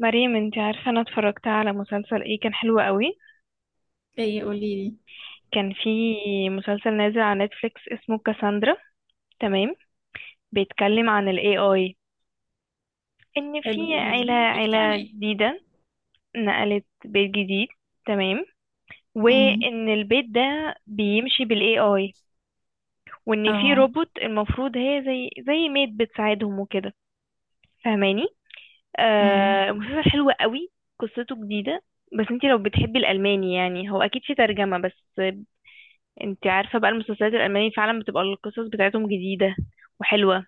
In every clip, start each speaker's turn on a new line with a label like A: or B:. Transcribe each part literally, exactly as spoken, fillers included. A: مريم، انتي عارفة، انا اتفرجت على مسلسل، ايه كان حلو قوي.
B: ايه؟ قولي لي.
A: كان في مسلسل نازل على نتفليكس اسمه كاساندرا. تمام. بيتكلم عن ال إيه آي، ان في
B: حلو، قولي
A: عيلة
B: لي بيحكي عن
A: عيلة
B: ايه؟
A: جديدة نقلت بيت جديد. تمام.
B: امم.
A: وان البيت ده بيمشي بال إيه آي، وان في
B: اه.
A: روبوت المفروض هي زي زي ميد بتساعدهم وكده. فاهماني؟
B: امم.
A: آه مسلسل حلو قوي، قصته جديدة. بس انتي لو بتحبي الالماني، يعني هو اكيد في ترجمة، بس انت عارفة بقى، المسلسلات الألمانية فعلا بتبقى القصص بتاعتهم جديدة وحلوة.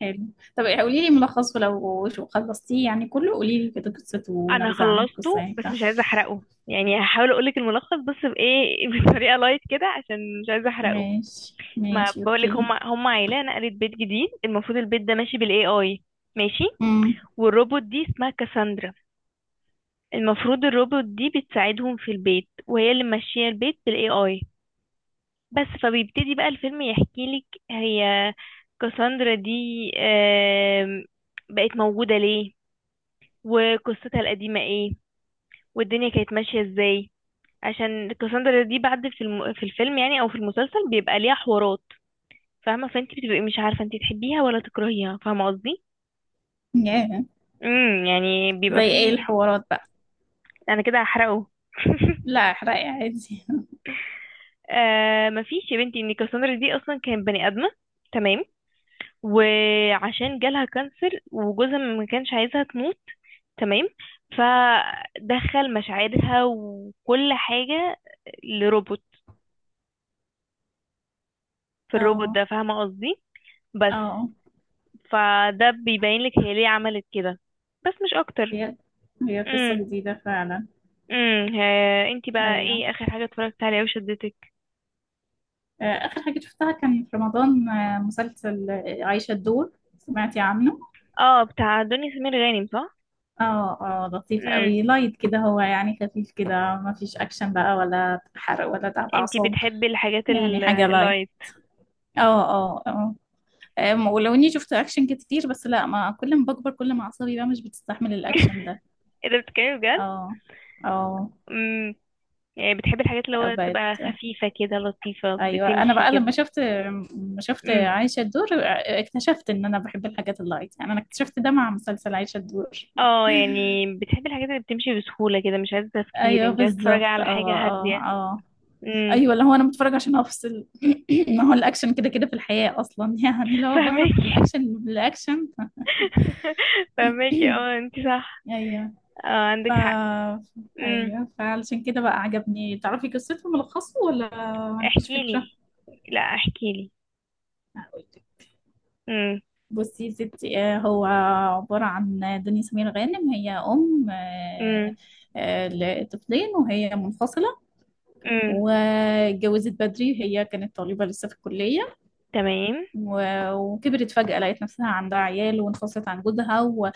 B: حلو. طب إيه، قولي لي ملخصه لو شو خلصتيه يعني كله، قولي لي كده قصته
A: أنا
B: ونبذة عن القصة
A: خلصته
B: يعني
A: بس
B: بتاع.
A: مش عايزة أحرقه، يعني هحاول أقولك الملخص بس بإيه بطريقة لايت كده، عشان مش عايزة أحرقه.
B: ماشي،
A: ما
B: ماشي،
A: بقولك،
B: اوكي.
A: هم هم عيلة نقلت بيت جديد، المفروض البيت ده ماشي بالاي اي. ماشي.
B: امم.
A: والروبوت دي اسمها كاساندرا. المفروض الروبوت دي بتساعدهم في البيت، وهي اللي ماشية البيت بالاي اي. بس فبيبتدي بقى الفيلم يحكيلك هي كاساندرا دي آم، بقت موجودة ليه، وقصتها القديمة ايه، والدنيا كانت ماشية ازاي. عشان كاساندرا دي بعد في الم... في الفيلم، يعني او في المسلسل، بيبقى ليها حوارات. فاهمة؟ فانت بتبقي مش عارفة انت تحبيها ولا تكرهيها، فاهمة قصدي.
B: ياه.
A: امم. يعني بيبقى
B: زي ايه
A: فيه.
B: الحوارات بقى؟
A: انا كده هحرقه
B: لا، احرقي عادي.
A: آه، مفيش يا بنتي. ان كاساندرا دي اصلا كانت بني ادمة، تمام، وعشان جالها كانسر وجوزها ما كانش عايزها تموت، تمام، فدخل مشاعرها وكل حاجة لروبوت، في الروبوت
B: اه،
A: ده. فاهمة قصدي؟ بس
B: اه.
A: فده بيبين لك هي ليه عملت كده، بس مش اكتر.
B: هي هي قصة
A: امم.
B: جديدة فعلا.
A: امم. ها- انتي بقى،
B: ايوه.
A: ايه اخر حاجة اتفرجت عليها وشدتك؟
B: آه، اخر حاجة شفتها كان في رمضان، آه، مسلسل آه، عايشة الدور. سمعتي عنه؟
A: اه، بتاع دنيا سمير غانم، صح؟
B: اه، اه، لطيف
A: امم.
B: قوي، لايت كده هو يعني، خفيف كده. ما فيش اكشن بقى ولا حرق ولا تعب
A: انتي
B: اعصاب.
A: بتحبي الحاجات
B: يعني
A: ال-
B: حاجه لايت.
A: اللايت.
B: اه، اه، اه. أم، ولو اني شفت اكشن كتير بس لا، ما كل ما بكبر كل ما اعصابي بقى مش بتستحمل الاكشن ده.
A: ايه ده، بتتكلمي بجد؟
B: اه، اه.
A: امم. يعني بتحبي الحاجات اللي هو تبقى
B: بقت.
A: خفيفة كده، لطيفة،
B: ايوه، انا
A: بتمشي
B: بقى لما
A: كده.
B: شفت، لما شفت
A: امم.
B: عايشه الدور، اكتشفت ان انا بحب الحاجات اللايت. يعني انا اكتشفت ده مع مسلسل عايشه الدور.
A: اه، يعني بتحبي الحاجات اللي بتمشي بسهولة كده، مش عايزة تفكير،
B: ايوه
A: انتي عايزة تتفرجي
B: بالظبط، اه،
A: على حاجة
B: اه،
A: هادية.
B: اه.
A: امم.
B: ايوه اللي هو انا بتفرج عشان افصل. ما هو الاكشن كده كده في الحياه اصلا، يعني لو بهرب من
A: فاهمك.
B: الاكشن للاكشن.
A: فهماكي، اه انت صح.
B: ايوه،
A: اه،
B: ف
A: عندك حق. امم.
B: ايوه، فعلشان كده بقى عجبني. تعرفي قصته ملخصه ولا؟ مفيش
A: احكي لي،
B: فكره.
A: لا احكي لي.
B: هقول لك.
A: امم.
B: بصي يا ستي، آه، هو عباره عن دنيا سمير غانم، هي ام، آه،
A: امم.
B: آه، لطفلين وهي منفصله.
A: امم.
B: واتجوزت بدري، هي كانت طالبه لسه في الكليه.
A: تمام.
B: و- وكبرت فجأة، لقيت نفسها عندها عيال وانفصلت عن جوزها، و-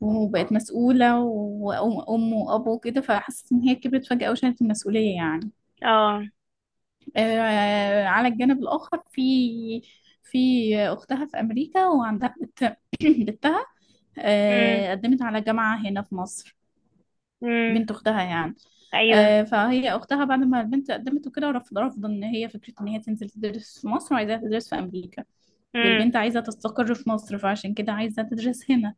B: وبقت مسؤولة وأم أم وأب وكده. فحست إن هي كبرت فجأة وشالت المسؤولية يعني.
A: اه.
B: آه، على الجانب الآخر في في أختها في أمريكا، وعندها بت- بنتها.
A: امم.
B: آه، قدمت على جامعة هنا في مصر.
A: امم.
B: بنت أختها يعني.
A: ايوه.
B: آه، فهي أختها بعد ما البنت قدمت وكده، رفض رفض إن هي فكرة إن هي تنزل تدرس في مصر، وعايزاها تدرس في أمريكا.
A: امم.
B: والبنت عايزة تستقر في مصر، فعشان كده عايزة تدرس هنا.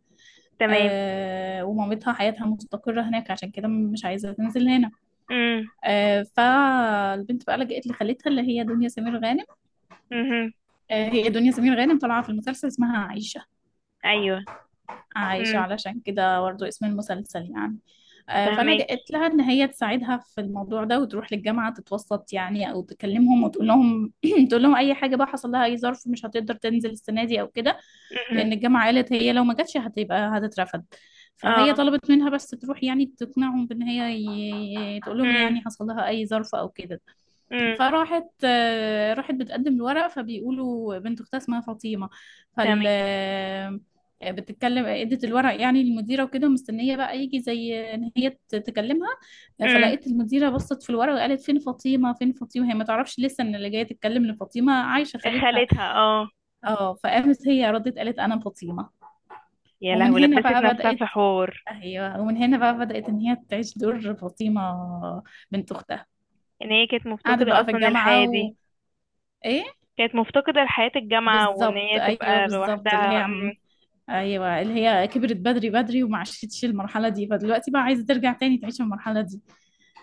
A: تمام.
B: آه، ومامتها حياتها مستقرة هناك، عشان كده مش عايزة تنزل هنا.
A: امم.
B: آه، فالبنت بقى لجأت لخالتها اللي هي دنيا سمير غانم.
A: امم.
B: آه، هي دنيا سمير غانم طالعة في المسلسل اسمها عايشة.
A: ايوه.
B: عايشة،
A: امم.
B: علشان كده برضه اسم المسلسل يعني. آه،
A: فهماكي.
B: فلجأت لها إن هي تساعدها في الموضوع ده، وتروح للجامعة تتوسط يعني، أو تكلمهم وتقول لهم تقول لهم أي حاجة بقى، حصل لها أي ظرف مش هتقدر تنزل السنة دي أو كده.
A: امم.
B: لأن الجامعة قالت هي لو ما جاتش هتبقى هتترفض. فهي
A: اه.
B: طلبت منها بس تروح يعني تقنعهم بإن هي، ي- تقول لهم
A: امم.
B: يعني حصل لها أي ظرف أو كده.
A: امم.
B: فراحت، آه، راحت بتقدم الورق، فبيقولوا بنت اختها اسمها فاطمه. فال
A: فهماكي.
B: آه، بتتكلم، ادت الورق يعني للمديره وكده، ومستنيه بقى يجي زي ان هي ت- تكلمها.
A: امم.
B: فلقيت المديره بصت في الورق وقالت فين فاطمه، فين فاطمه. هي ما تعرفش لسه ان اللي جايه تتكلم ان فاطمه عايشه خالتها.
A: خالتها، اه.
B: اه، فقامت هي ردت قالت انا فاطمه.
A: يا
B: ومن
A: لهوي،
B: هنا
A: لبست
B: بقى
A: نفسها في
B: بدات.
A: حوار.
B: ايوه، ومن هنا بقى بدات ان هي تعيش دور فاطمه بنت اختها.
A: ان هي كانت
B: قعدت
A: مفتقدة
B: بقى في
A: اصلا الحياة
B: الجامعه و.
A: دي.
B: ايه.
A: كانت مفتقدة لحياة الجامعة، وان
B: بالظبط،
A: هي
B: ايوه
A: تبقى
B: بالظبط، اللي
A: لوحدها.
B: هي عم ايوه، اللي هي كبرت بدري بدري وما عاشتش المرحله دي، فدلوقتي بقى عايزه ترجع تاني تعيش المرحله دي.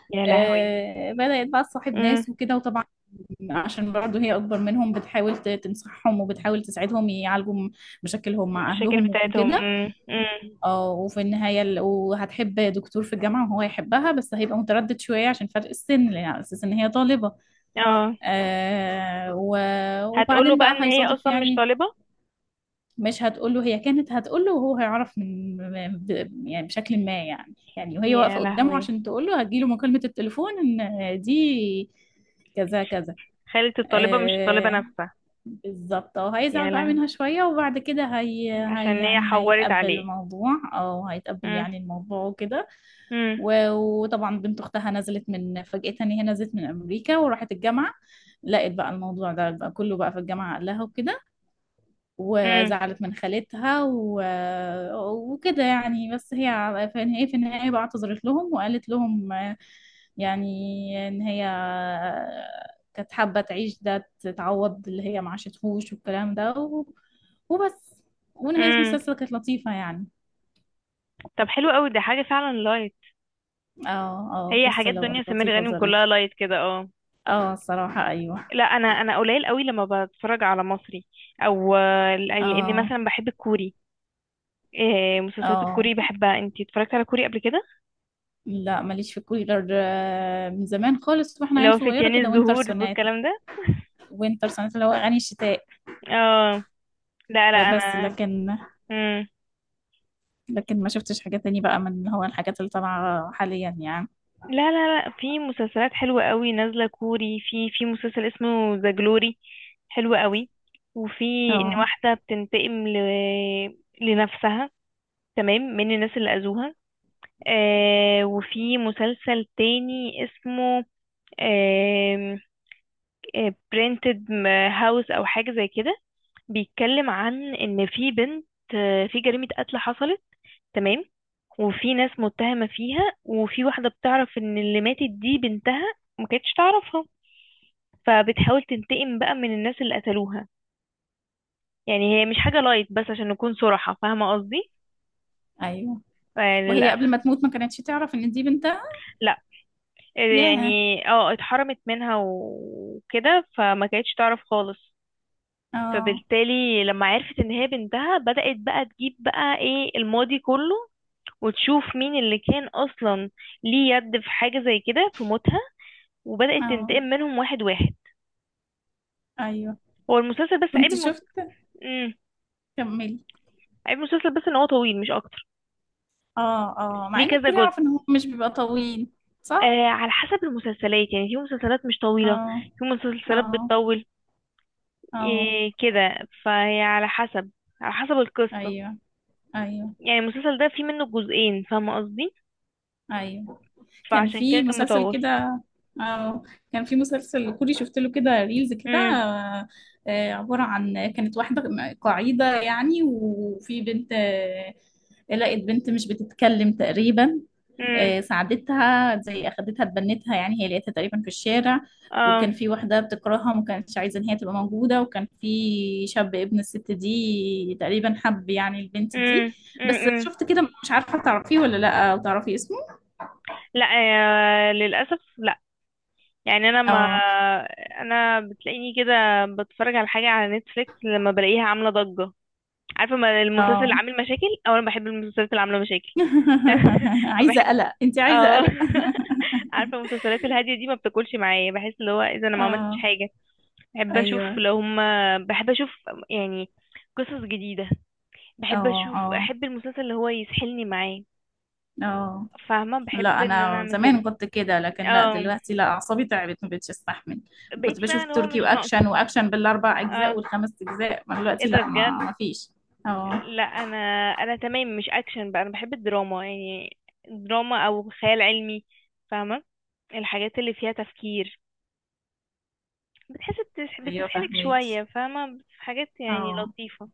A: يا لهوي.
B: آه، بدات بقى تصاحب ناس وكده، وطبعا عشان برضه هي اكبر منهم بتحاول ت- تنصحهم، وبتحاول تساعدهم يعالجوا م- مشاكلهم مع
A: المشاكل
B: اهلهم
A: بتاعتهم.
B: وكده.
A: امم. امم.
B: اه، وفي النهايه ال- وهتحب دكتور في الجامعه، وهو يحبها بس هيبقى متردد شويه عشان فرق السن، لأن على اساس ان هي طالبه.
A: اه.
B: آه، و-
A: هتقوله
B: وبعدين
A: بقى
B: بقى
A: ان هي
B: هيصادف
A: اصلا مش
B: يعني.
A: طالبة.
B: مش هتقوله، هي كانت هتقوله وهو هيعرف من، ب- يعني بشكل ما، يعني يعني وهي
A: يا
B: واقفة قدامه
A: لهوي.
B: عشان تقوله هتجيله مكالمة التليفون ان دي كذا كذا.
A: خالة الطالبة مش الطالبة
B: آه،
A: نفسها.
B: بالظبط، اه،
A: يا
B: هيزعل بقى
A: لهوي.
B: منها شوية. وبعد كده هي, هي
A: عشان هي
B: يعني
A: حورت
B: هيتقبل
A: عليه.
B: الموضوع، او هيتقبل
A: امم.
B: يعني الموضوع وكده.
A: امم.
B: و- وطبعا بنت اختها نزلت من فجأة، ان هي نزلت من امريكا وراحت الجامعة، لقيت بقى الموضوع ده بقى كله بقى في الجامعة قال لها وكده،
A: امم.
B: وزعلت من خالتها و. وكده يعني، بس هي في النهاية، في النهاية بقى اعتذرت لهم وقالت لهم يعني إن هي كانت حابة تعيش ده، تتعوض اللي هي ما عاشتهوش والكلام ده و. وبس. ونهاية
A: امم.
B: المسلسل كانت لطيفة يعني.
A: طب حلو قوي، ده حاجة فعلا لايت.
B: اه. اه،
A: هي
B: قصة
A: حاجات
B: لو-
A: دنيا سمير
B: لطيفة
A: غانم كلها
B: ظريفة.
A: لايت كده، اه.
B: اه، الصراحة ايوه.
A: لا، انا انا قليل قوي لما بتفرج على مصري، او آه، لاني
B: اه،
A: مثلا بحب الكوري. إيه، مسلسلات
B: اه.
A: الكوري بحبها. انتي اتفرجت على كوري قبل كده؟
B: لا ماليش في كولر، آه، من زمان خالص واحنا
A: اللي
B: عيل
A: هو
B: صغيرة
A: فتيان
B: كده، وينتر
A: الزهور
B: سوناتا.
A: والكلام ده.
B: وينتر سوناتا اللي هو اغاني الشتاء.
A: اه. لا
B: آه،
A: لا
B: بس
A: انا.
B: لكن
A: مم.
B: لكن ما شفتش حاجة تاني بقى من اللي هو الحاجات اللي طالعة حاليا يعني.
A: لا لا لا، في مسلسلات حلوة قوي نازلة كوري. في في مسلسل اسمه ذا جلوري، حلو قوي. وفي ان
B: اه،
A: واحدة بتنتقم ل... لنفسها، تمام، من الناس اللي اذوها. آه، وفي مسلسل تاني اسمه برينتد هاوس او حاجة زي كده. بيتكلم عن ان في بنت آه، في جريمة قتل حصلت، تمام، وفي ناس متهمة فيها، وفي واحدة بتعرف ان اللي ماتت دي بنتها، ما كانتش تعرفها، فبتحاول تنتقم بقى من الناس اللي قتلوها. يعني هي مش حاجة لايت، بس عشان نكون صراحة، فاهمة قصدي؟
B: ايوه.
A: آه،
B: وهي
A: للأسف.
B: قبل ما تموت ما كانتش تعرف ان دي بنتها.
A: لا. آه،
B: ياه.
A: يعني اه اتحرمت منها وكده، فما كانتش تعرف خالص.
B: اه،
A: فبالتالي لما عرفت ان هي بنتها، بدأت بقى تجيب بقى ايه الماضي كله، وتشوف مين اللي كان اصلا ليه يد في حاجة زي كده في موتها، وبدأت
B: اه،
A: تنتقم منهم واحد واحد.
B: ايوه.
A: هو المسلسل بس عيب
B: كنت
A: المس...
B: شفت.
A: مم.
B: كملي.
A: عيب المسلسل بس ان هو طويل، مش اكتر.
B: اه، اه، مع
A: ليه
B: ان
A: كذا
B: الكل
A: جزء.
B: يعرف ان هو مش بيبقى طويل.
A: آه،
B: صح.
A: على حسب المسلسلات. يعني في مسلسلات مش طويلة،
B: اه،
A: في مسلسلات
B: اه،
A: بتطول.
B: اه.
A: إيه كده، فهي على حسب، على حسب القصة.
B: ايوه، ايوه،
A: يعني المسلسل ده فيه منه جزئين، فاهمة قصدي؟
B: ايوه، كان
A: فعشان كده
B: في
A: كان
B: مسلسل
A: مطول.
B: كده. اه، كان في مسلسل كوري شفت له كده ريلز كده،
A: امم.
B: آه، آه، عبارة عن كانت واحدة قاعدة يعني. وفي بنت، آه، لقت بنت مش بتتكلم تقريبا.
A: امم.
B: آه، ساعدتها، زي اخدتها اتبنتها يعني، هي لقيتها تقريبا في الشارع.
A: اه.
B: وكان في واحدة بتكرهها وما كانتش عايزة ان هي تبقى موجودة. وكان في شاب ابن الست دي تقريبا حب يعني البنت دي.
A: امم.
B: بس
A: امم.
B: شفت كده مش عارفة تعرفيه ولا لا، او تعرفي اسمه.
A: لا. آه للأسف. يعني انا ما
B: اه،
A: انا بتلاقيني كده، بتفرج على حاجه على نتفليكس، لما بلاقيها عامله ضجه، عارفه. ما المسلسل
B: اه.
A: اللي عامل مشاكل، او انا بحب المسلسلات اللي عامله مشاكل.
B: عايزة
A: بحب.
B: قلق، انت عايزة
A: اه.
B: قلق.
A: عارفه، المسلسلات الهاديه دي ما بتاكلش معايا. بحس اللي هو اذا انا ما عملتش
B: اه،
A: حاجه، بحب اشوف.
B: ايوه،
A: لو هما، بحب اشوف يعني قصص جديده. بحب
B: اه،
A: اشوف،
B: اه،
A: احب المسلسل اللي هو يسحلني معاه.
B: اه.
A: فاهمه، بحب
B: لا،
A: ان انا
B: انا
A: اعمل كده.
B: زمان كنت كده، لكن لا
A: اه.
B: دلوقتي، لا، اعصابي تعبت ما بقتش استحمل. كنت
A: بقيتي بقى
B: بشوف
A: اللي هو
B: تركي،
A: مش ناقصه.
B: واكشن واكشن بالاربع اجزاء
A: اه،
B: والخمس اجزاء، ما
A: ايه
B: دلوقتي
A: ده
B: لا، ما
A: بجد.
B: ما فيش اه،
A: لا انا، انا تمام مش اكشن، بقى انا بحب الدراما. يعني دراما او خيال علمي، فاهمه. الحاجات اللي فيها تفكير، بتحس بتسح-
B: ايوه
A: بتسحلك
B: فاهمك.
A: شويه، فاهمه. في حاجات يعني
B: اه،
A: لطيفه،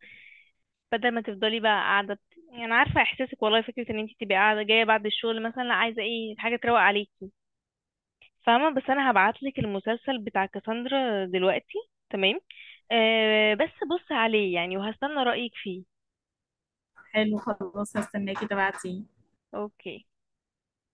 A: بدل ما تفضلي بقى قاعده بت... يعني انا عارفه احساسك والله. فكره ان انت تبقي قاعده جايه بعد الشغل مثلا، لا عايزه ايه، حاجه تروق عليكي، فاهمه. بس انا هبعتلك المسلسل بتاع كاساندرا دلوقتي. تمام. أه بس بص عليه يعني، وهستنى رايك فيه.
B: حلو، خلاص هستناكي تبعتي.
A: اوكي.